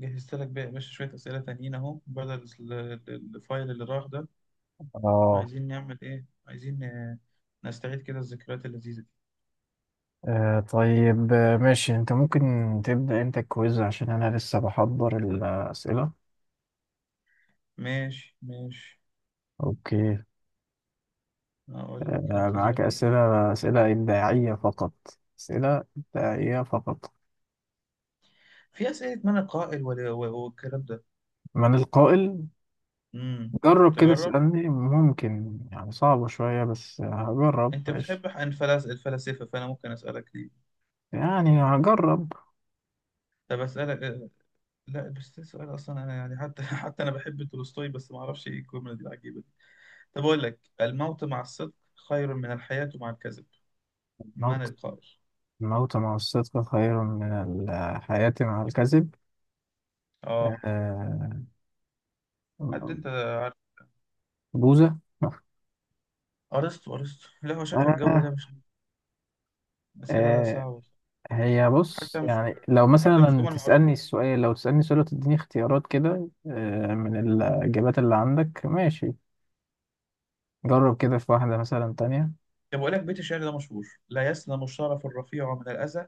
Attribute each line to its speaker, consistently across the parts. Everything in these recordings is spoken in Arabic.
Speaker 1: جهزت لك بقى يا باشا شوية أسئلة تانيين أهو بدل الفايل اللي راح ده.
Speaker 2: اه.
Speaker 1: عايزين نعمل إيه؟ عايزين نستعيد كده الذكريات اللذيذة دي.
Speaker 2: طيب، ماشي. انت ممكن تبدأ انت الكويز عشان انا لسه بحضر الأسئلة.
Speaker 1: ماشي ماشي.
Speaker 2: اوكي.
Speaker 1: أقول لك
Speaker 2: معاك
Speaker 1: انتظرني
Speaker 2: أسئلة إبداعية
Speaker 1: قليلا.
Speaker 2: فقط. أسئلة إبداعية فقط.
Speaker 1: في أسئلة من القائل، والكلام ده.
Speaker 2: من القائل.
Speaker 1: امم
Speaker 2: جرب كده
Speaker 1: تجرب.
Speaker 2: اسألني، ممكن يعني صعبة شوية بس هجرب.
Speaker 1: أنت
Speaker 2: ماشي.
Speaker 1: بتحب عن الفلاسفة، فأنا ممكن أسألك دي.
Speaker 2: يعني هجرب.
Speaker 1: طب أسألك. لا، بس ده سؤال أصلا، أنا يعني حتى حتى أنا بحب تولستوي، بس ما أعرفش إيه الجملة دي العجيبة دي. طب أقول لك: الموت مع الصدق خير من الحياة مع الكذب. ما
Speaker 2: الموت
Speaker 1: نتقاش.
Speaker 2: الموت مع الصدق خير من الحياة مع الكذب.
Speaker 1: اه.
Speaker 2: آه،
Speaker 1: حد انت عارف؟
Speaker 2: بوذا.
Speaker 1: ارسطو، ارسطو. لا، هو شكل الجو ده
Speaker 2: آه.
Speaker 1: مش الاسئله ده
Speaker 2: آه.
Speaker 1: صعبه.
Speaker 2: هي بص،
Speaker 1: حتى مش
Speaker 2: يعني لو
Speaker 1: حتى مش
Speaker 2: مثلا
Speaker 1: جمل
Speaker 2: تسألني
Speaker 1: معروفه.
Speaker 2: السؤال لو تسألني سؤال وتديني اختيارات كده. من الإجابات اللي عندك. ماشي. جرب كده في واحدة مثلا تانية.
Speaker 1: طب بقول لك بيت الشعر ده مشهور: لا يسلم الشرف الرفيع من الاذى،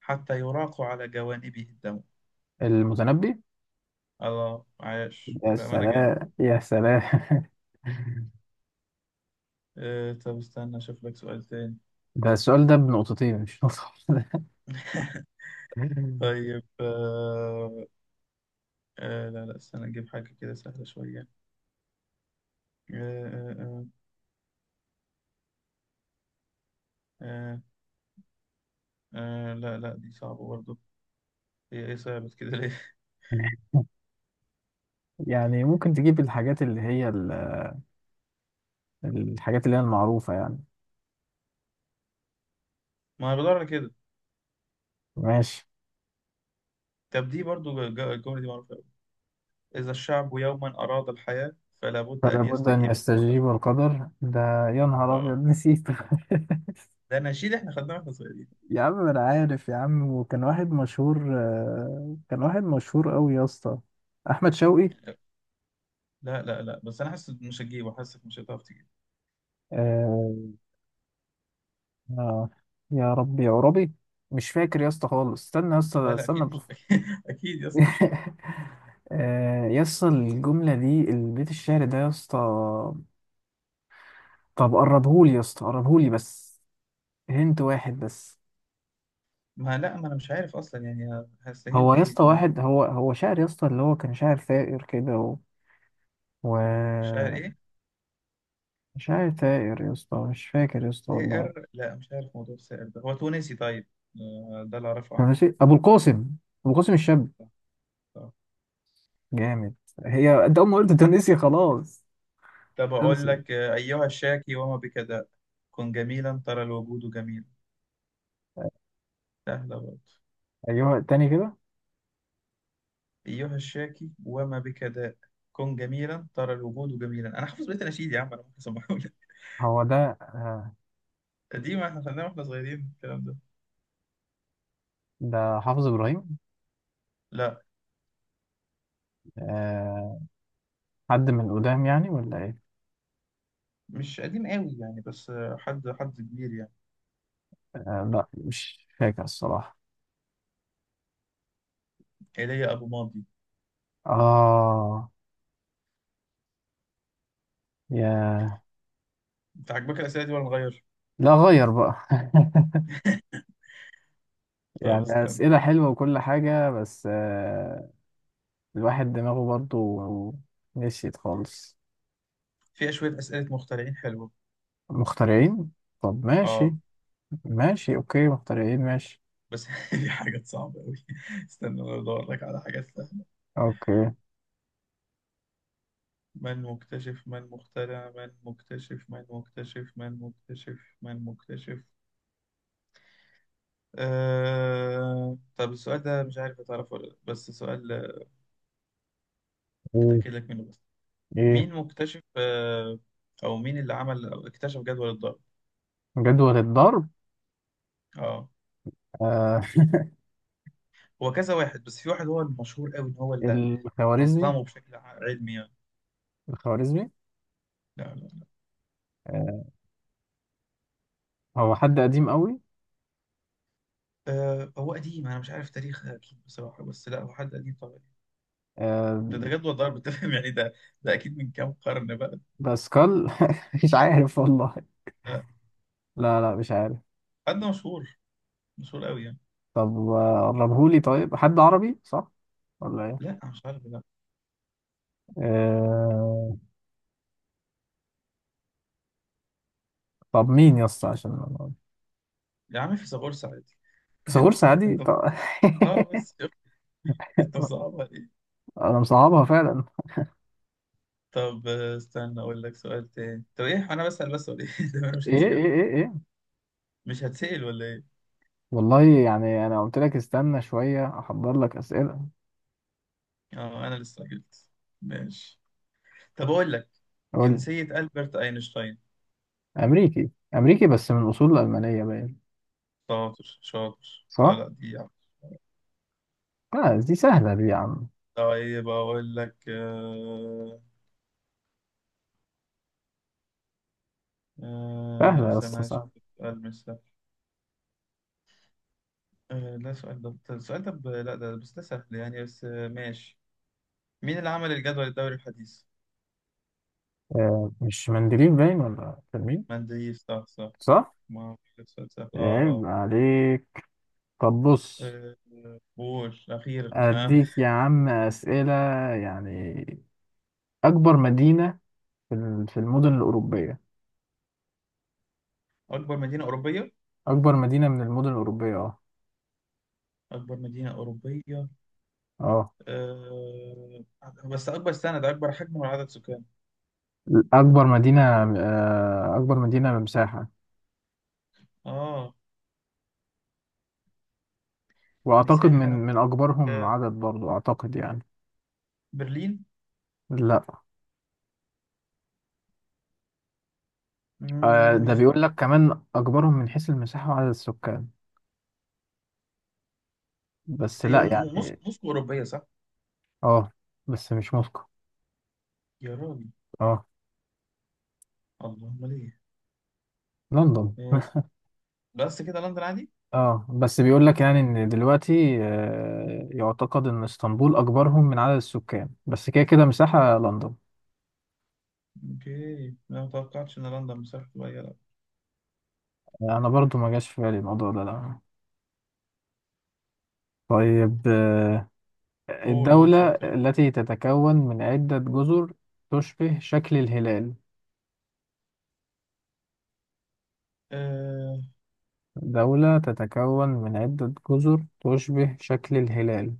Speaker 1: حتى يراق على جوانبه الدم.
Speaker 2: المتنبي.
Speaker 1: الله، عاش
Speaker 2: يا
Speaker 1: بامانه، جامد.
Speaker 2: سلام يا سلام.
Speaker 1: طب استنى اشوف لك سؤال تاني.
Speaker 2: ده السؤال ده بنقطتين مش نقطة واحدة.
Speaker 1: طيب. لا لا، استنى نجيب حاجة كده سهلة شوية آه آه آه آه لا لا، دي صعبة برضه. هي ايه صعبت كده ليه؟
Speaker 2: يعني ممكن تجيب الحاجات اللي هي المعروفة يعني.
Speaker 1: ما أنا بدور على كده.
Speaker 2: ماشي.
Speaker 1: طب دي برضو الجملة دي معروفة أوي: إذا الشعب يوما أراد الحياة، فلا بد
Speaker 2: فلا
Speaker 1: أن
Speaker 2: بد أن
Speaker 1: يستجيب القدر.
Speaker 2: يستجيب القدر ده. يا نهار أبيض
Speaker 1: آه.
Speaker 2: نسيت.
Speaker 1: ده نشيد إحنا خدناه وإحنا صغيرين.
Speaker 2: يا عم انا عارف يا عم، وكان واحد مشهور، كان واحد مشهور قوي يا اسطى. احمد شوقي.
Speaker 1: لا لا لا، بس أنا حاسس مش هتجيبه، حاسسك مش هتعرف تجيبه.
Speaker 2: آه. آه، يا ربي يا ربي. مش فاكر يا اسطى خالص، استنى يا
Speaker 1: لا
Speaker 2: اسطى،
Speaker 1: لا،
Speaker 2: استنى
Speaker 1: أكيد مش.
Speaker 2: بف...
Speaker 1: أكيد يا اسطى مش هتعرف.
Speaker 2: آه يا اسطى، الجملة دي البيت الشعر ده يا اسطى. طب قربهولي يا اسطى، قربهولي بس. هنت واحد بس.
Speaker 1: ما لا، ما أنا مش عارف أصلا يعني
Speaker 2: هو
Speaker 1: هستهنت
Speaker 2: يا
Speaker 1: إيه
Speaker 2: اسطى
Speaker 1: ما.
Speaker 2: واحد، هو شاعر يا اسطى، اللي هو كان شاعر ثائر كده و... و...
Speaker 1: مش عارف إيه.
Speaker 2: شاعر ثائر يا اسطى، مش فاكر يا اسطى والله.
Speaker 1: سائر؟ لا، مش عارف موضوع السائر ده. هو تونسي، طيب. ده اللي أعرفه عنه.
Speaker 2: ماشي. ابو القاسم الشاب.
Speaker 1: صح، صح.
Speaker 2: جامد. هي انت اول ما قلت تونسي خلاص.
Speaker 1: طب أقول
Speaker 2: خلصت.
Speaker 1: لك أيها الشاكي وما بكداء، كن جميلا ترى الوجود جميل. سهلة برضه.
Speaker 2: ايوه، تاني كده.
Speaker 1: أيها الشاكي وما بك داء، كن جميلا ترى الوجود جميلا. أنا حافظ بيت الأناشيد يا عم، أنا ممكن أسمعه لك.
Speaker 2: هو ده. آه،
Speaker 1: قديم، إحنا خدناه وإحنا صغيرين الكلام ده.
Speaker 2: ده حافظ ابراهيم.
Speaker 1: لا.
Speaker 2: آه، حد من قدام يعني ولا ايه؟
Speaker 1: مش قديم قوي يعني، بس حد كبير يعني.
Speaker 2: لا، مش فاكر الصراحه.
Speaker 1: إيليا أبو ماضي.
Speaker 2: اه. يا.
Speaker 1: أنت عاجبك الأسئلة دي ولا نغير؟
Speaker 2: لا، غير بقى.
Speaker 1: طب
Speaker 2: يعني
Speaker 1: استنى،
Speaker 2: اسئله حلوه وكل حاجه بس. الواحد دماغه برضو نسيت خالص.
Speaker 1: فيها شوية أسئلة مخترعين حلوة.
Speaker 2: مخترعين. طب ماشي.
Speaker 1: آه
Speaker 2: ماشي اوكي، مخترعين ماشي.
Speaker 1: بس دي حاجات صعبة أوي. استنى أنا أدور لك على حاجات سهلة.
Speaker 2: اوكي.
Speaker 1: من مكتشف، من مخترع، من مكتشف، من مكتشف، من مكتشف، من مكتشف. طب السؤال ده مش عارف هتعرفه ولا لأ، بس سؤال
Speaker 2: ايه
Speaker 1: أتأكد لك منه بس.
Speaker 2: ايه.
Speaker 1: مين مكتشف أو مين اللي عمل أو اكتشف جدول الضرب؟
Speaker 2: جدول الضرب.
Speaker 1: اه.
Speaker 2: آه.
Speaker 1: هو كذا واحد، بس في واحد هو المشهور قوي إن هو اللي
Speaker 2: الخوارزمي.
Speaker 1: نظمه بشكل علمي يعني.
Speaker 2: الخوارزمي.
Speaker 1: لا لا لا.
Speaker 2: آه، هو حد قديم قوي.
Speaker 1: هو قديم، أنا مش عارف تاريخ أكيد بصراحة، بس لا، هو حد قديم طبعا. ده
Speaker 2: آه.
Speaker 1: ده جدول ضرب، أنت فاهم يعني ده. ده أكيد من كام قرن بقى.
Speaker 2: باسكال. مش عارف والله.
Speaker 1: ده
Speaker 2: لا لا، مش عارف.
Speaker 1: حد مشهور، مشهور قوي يعني.
Speaker 2: طب قربهولي، طيب حد عربي صح ولا ايه؟
Speaker 1: لا، مش عارف، لا.
Speaker 2: آه. طب مين يا اسطى، عشان أنا-
Speaker 1: يا عم، فيثاغورس عادي.
Speaker 2: بيثاغورس عادي
Speaker 1: انت،
Speaker 2: طب.
Speaker 1: اه بس شوف، انت صعب.
Speaker 2: انا مصعبها فعلا.
Speaker 1: طب استنى اقول لك سؤال تاني. طب ايه، انا بسأل بس ولا ايه؟ ده انا مش
Speaker 2: ايه
Speaker 1: هتسأل ولا
Speaker 2: ايه
Speaker 1: إيه؟
Speaker 2: ايه ايه.
Speaker 1: مش هتسأل ولا ايه.
Speaker 2: والله يعني انا قلت لك استنى شويه احضر لك اسئله.
Speaker 1: اه، انا اللي استعجلت. ماشي. طب اقول لك:
Speaker 2: قول لي.
Speaker 1: جنسية ألبرت أينشتاين.
Speaker 2: امريكي امريكي بس من اصول المانيه باين.
Speaker 1: شاطر شاطر. لا
Speaker 2: صح؟
Speaker 1: لا، دي يعني.
Speaker 2: لا دي سهلة دي يا عم.
Speaker 1: طيب اقول لك.
Speaker 2: سهلة يا اسطى
Speaker 1: استنى أشوف
Speaker 2: سهلة.
Speaker 1: لك سؤال مش سهل. لا، سؤال ده السؤال ده لا، ده بس ده سهل يعني، بس ماشي. مين اللي عمل الجدول الدوري الحديث؟
Speaker 2: آه مش مندليف باين، ولا كان مين؟
Speaker 1: مندليف، صح صح صح.
Speaker 2: صح؟
Speaker 1: ما هو سؤال سهل، اه
Speaker 2: عيب
Speaker 1: اه.
Speaker 2: عليك. طب بص،
Speaker 1: آه، قول أخيرا ها.
Speaker 2: أديك يا عم أسئلة يعني. أكبر مدينة في المدن الأوروبية.
Speaker 1: أكبر مدينة أوروبية.
Speaker 2: أكبر مدينة من المدن الأوروبية أه.
Speaker 1: أكبر مدينة أوروبية.
Speaker 2: أه.
Speaker 1: أه... بس أكبر سنة ده أكبر حجم ولا عدد سكان؟
Speaker 2: أكبر مدينة. آه أكبر مدينة مساحة.
Speaker 1: آه
Speaker 2: وأعتقد
Speaker 1: مساحة
Speaker 2: من
Speaker 1: أنا.
Speaker 2: من أكبرهم
Speaker 1: أه...
Speaker 2: عدد برضو، أعتقد يعني.
Speaker 1: برلين.
Speaker 2: لا. ده
Speaker 1: مش
Speaker 2: بيقول لك كمان أكبرهم من حيث المساحة وعدد السكان. بس
Speaker 1: هي
Speaker 2: لا
Speaker 1: م- موسكو،
Speaker 2: يعني.
Speaker 1: موسكو أوروبية صح؟
Speaker 2: اه بس مش موسكو.
Speaker 1: يا راجل،
Speaker 2: اه
Speaker 1: اللهم ليه.
Speaker 2: لندن.
Speaker 1: أه... بس كده لندن عادي؟
Speaker 2: اه بس بيقول لك يعني ان دلوقتي يعتقد ان اسطنبول اكبرهم من عدد السكان، بس كده كده مساحة لندن.
Speaker 1: أوكي، أنا متوقعتش إن لندن مساحة صغيرة، لا.
Speaker 2: انا برضو ما جاش في بالي الموضوع ده لا. طيب.
Speaker 1: قول قول
Speaker 2: الدولة
Speaker 1: سؤال تاني.
Speaker 2: التي تتكون من عدة جزر تشبه شكل الهلال.
Speaker 1: أه...
Speaker 2: دولة تتكون من عدة جزر تشبه شكل الهلال.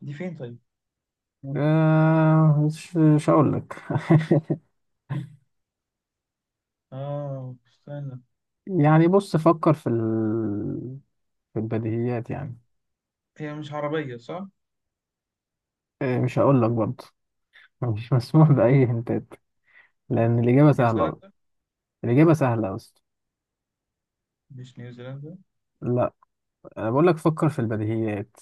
Speaker 1: دي فين طيب؟
Speaker 2: آه، مش هقول لك.
Speaker 1: استنى.
Speaker 2: يعني بص فكر في ال... في البديهيات يعني.
Speaker 1: هي مش عربية صح؟
Speaker 2: إيه، مش هقول لك برضه. مش مسموح بأي هنتات، لأن الإجابة سهلة أوي.
Speaker 1: نيوزيلندا؟
Speaker 2: الإجابة سهلة أصلا.
Speaker 1: مش نيوزيلندا.
Speaker 2: لا. أنا بقول لك فكر في البديهيات.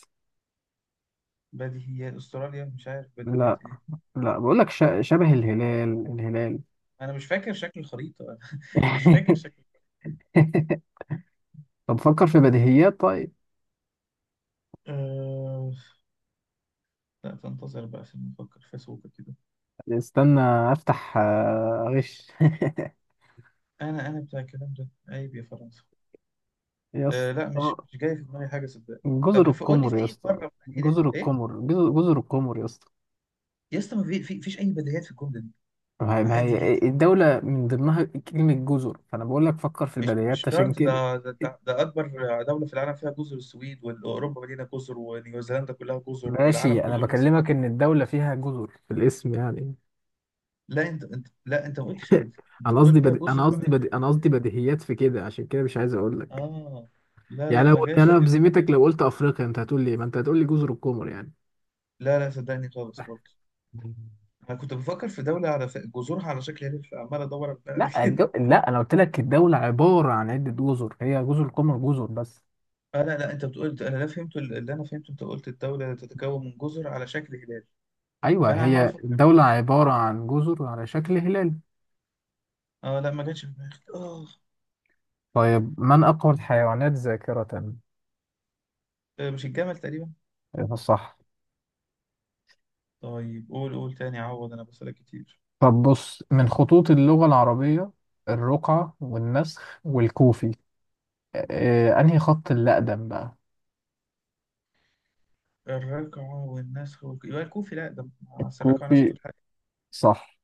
Speaker 1: بديهيات استراليا، مش عارف بديهيات
Speaker 2: لا
Speaker 1: ايه.
Speaker 2: لا، بقول لك ش... شبه الهلال الهلال.
Speaker 1: انا مش فاكر شكل الخريطه. مش فاكر شكل.
Speaker 2: طب فكر في بديهيات طيب.
Speaker 1: أه... لا، تنتظر بقى عشان نفكر في سوق كده.
Speaker 2: استنى أفتح غش.
Speaker 1: انا بتاع الكلام ده، عيب يا فرنسا.
Speaker 2: يا
Speaker 1: لا، مش
Speaker 2: اسطى
Speaker 1: مش جاي في دماغي حاجه صدق.
Speaker 2: جزر
Speaker 1: طب قول لي
Speaker 2: القمر
Speaker 1: في
Speaker 2: يا
Speaker 1: اي
Speaker 2: اسطى.
Speaker 1: قاره، في أي
Speaker 2: جزر
Speaker 1: ايه.
Speaker 2: القمر، جزر القمر يا اسطى.
Speaker 1: يا اسطى، ما في فيش اي بديهيات في الجمله دي.
Speaker 2: ما
Speaker 1: عادي
Speaker 2: هي
Speaker 1: جدا.
Speaker 2: الدولة من ضمنها كلمة جزر، فأنا بقول لك فكر في
Speaker 1: مش
Speaker 2: البديهيات
Speaker 1: مش
Speaker 2: عشان
Speaker 1: شرط
Speaker 2: كده.
Speaker 1: ده ده اكبر دوله في العالم فيها جزر. السويد واوروبا مدينه جزر، ونيوزيلندا كلها جزر، والعالم
Speaker 2: ماشي، أنا
Speaker 1: كله جزر.
Speaker 2: بكلمك إن الدولة فيها جزر في الاسم يعني.
Speaker 1: لا، انت ما قلتش كده. انت بتقول فيها جزر على شكل
Speaker 2: أنا
Speaker 1: هلال.
Speaker 2: قصدي بديهيات في كده عشان كده مش عايز أقول لك.
Speaker 1: اه لا لا،
Speaker 2: يعني لو
Speaker 1: ما جاش
Speaker 2: يعني أنا
Speaker 1: في
Speaker 2: بذمتك
Speaker 1: دماغي.
Speaker 2: لو قلت أفريقيا أنت هتقول لي إيه؟ ما أنت هتقول لي جزر القمر يعني.
Speaker 1: لا لا، صدقني خالص برضه. انا كنت بفكر في دولة على جذورها على شكل هيلف، عمال ادور على
Speaker 2: لا
Speaker 1: كده.
Speaker 2: لا أنا قلت لك الدولة عبارة عن عدة جزر هي جزر القمر، جزر بس.
Speaker 1: لا لا، انت بتقول. انا لا فهمت اللي انا فهمته انت قلت الدولة تتكون من جزر على شكل هلال.
Speaker 2: أيوه
Speaker 1: فانا عمال
Speaker 2: هي
Speaker 1: افكر
Speaker 2: الدولة
Speaker 1: بقى.
Speaker 2: عبارة عن جزر على شكل هلال.
Speaker 1: اه لا، ما جاتش في دماغي اه.
Speaker 2: طيب، من أقوى الحيوانات ذاكرة؟
Speaker 1: مش الجمل تقريبا.
Speaker 2: أيوة صح.
Speaker 1: طيب قول قول تاني، عوض انا بسألك كتير.
Speaker 2: طب بص، من خطوط اللغة العربية الرقعة والنسخ والكوفي، أنهي خط اللي أقدم بقى؟
Speaker 1: الركعة يبقى الكوفي، لا ده مع أصل الركعة والنسخ
Speaker 2: كوفي.
Speaker 1: دول حاجة.
Speaker 2: صح.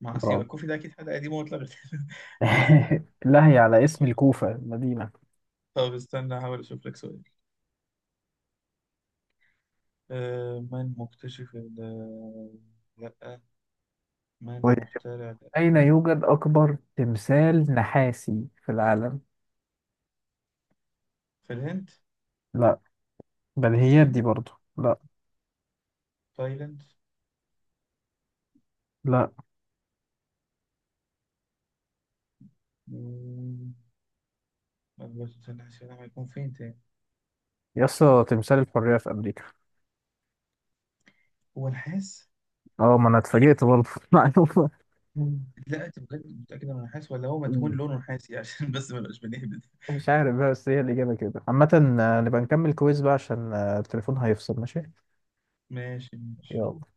Speaker 1: مع أصل، يبقى
Speaker 2: برافو.
Speaker 1: الكوفي ده أكيد حاجة قديمة واتلغت. مثلا.
Speaker 2: لهي على اسم الكوفة المدينة.
Speaker 1: طب استنى أحاول أشوف لك سؤال. من مكتشف لأ، من
Speaker 2: كويس.
Speaker 1: مخترع.
Speaker 2: أين
Speaker 1: لأ.
Speaker 2: يوجد أكبر تمثال نحاسي في العالم؟
Speaker 1: في الهند.
Speaker 2: لا، بديهيات
Speaker 1: الصين.
Speaker 2: دي برضو. لا
Speaker 1: تايلاند.
Speaker 2: لا.
Speaker 1: مم، بس استنى عشان أعرف هيكون فين تاني.
Speaker 2: يسطا تمثال الحرية في أمريكا.
Speaker 1: هو نحاس؟
Speaker 2: اه ما أنا اتفاجئت برضه. معلومة.
Speaker 1: لا، أنت متأكد متأكد إنه نحاس ولا هو مدهون
Speaker 2: مم.
Speaker 1: لونه نحاسي؟ عشان بس ما نبقاش بنهبد.
Speaker 2: مش عارف بقى، بس هي الإجابة كده عامة. نبقى نكمل كويز بقى عشان التليفون هيفصل ماشي.
Speaker 1: ماشي ماشي.
Speaker 2: يلا.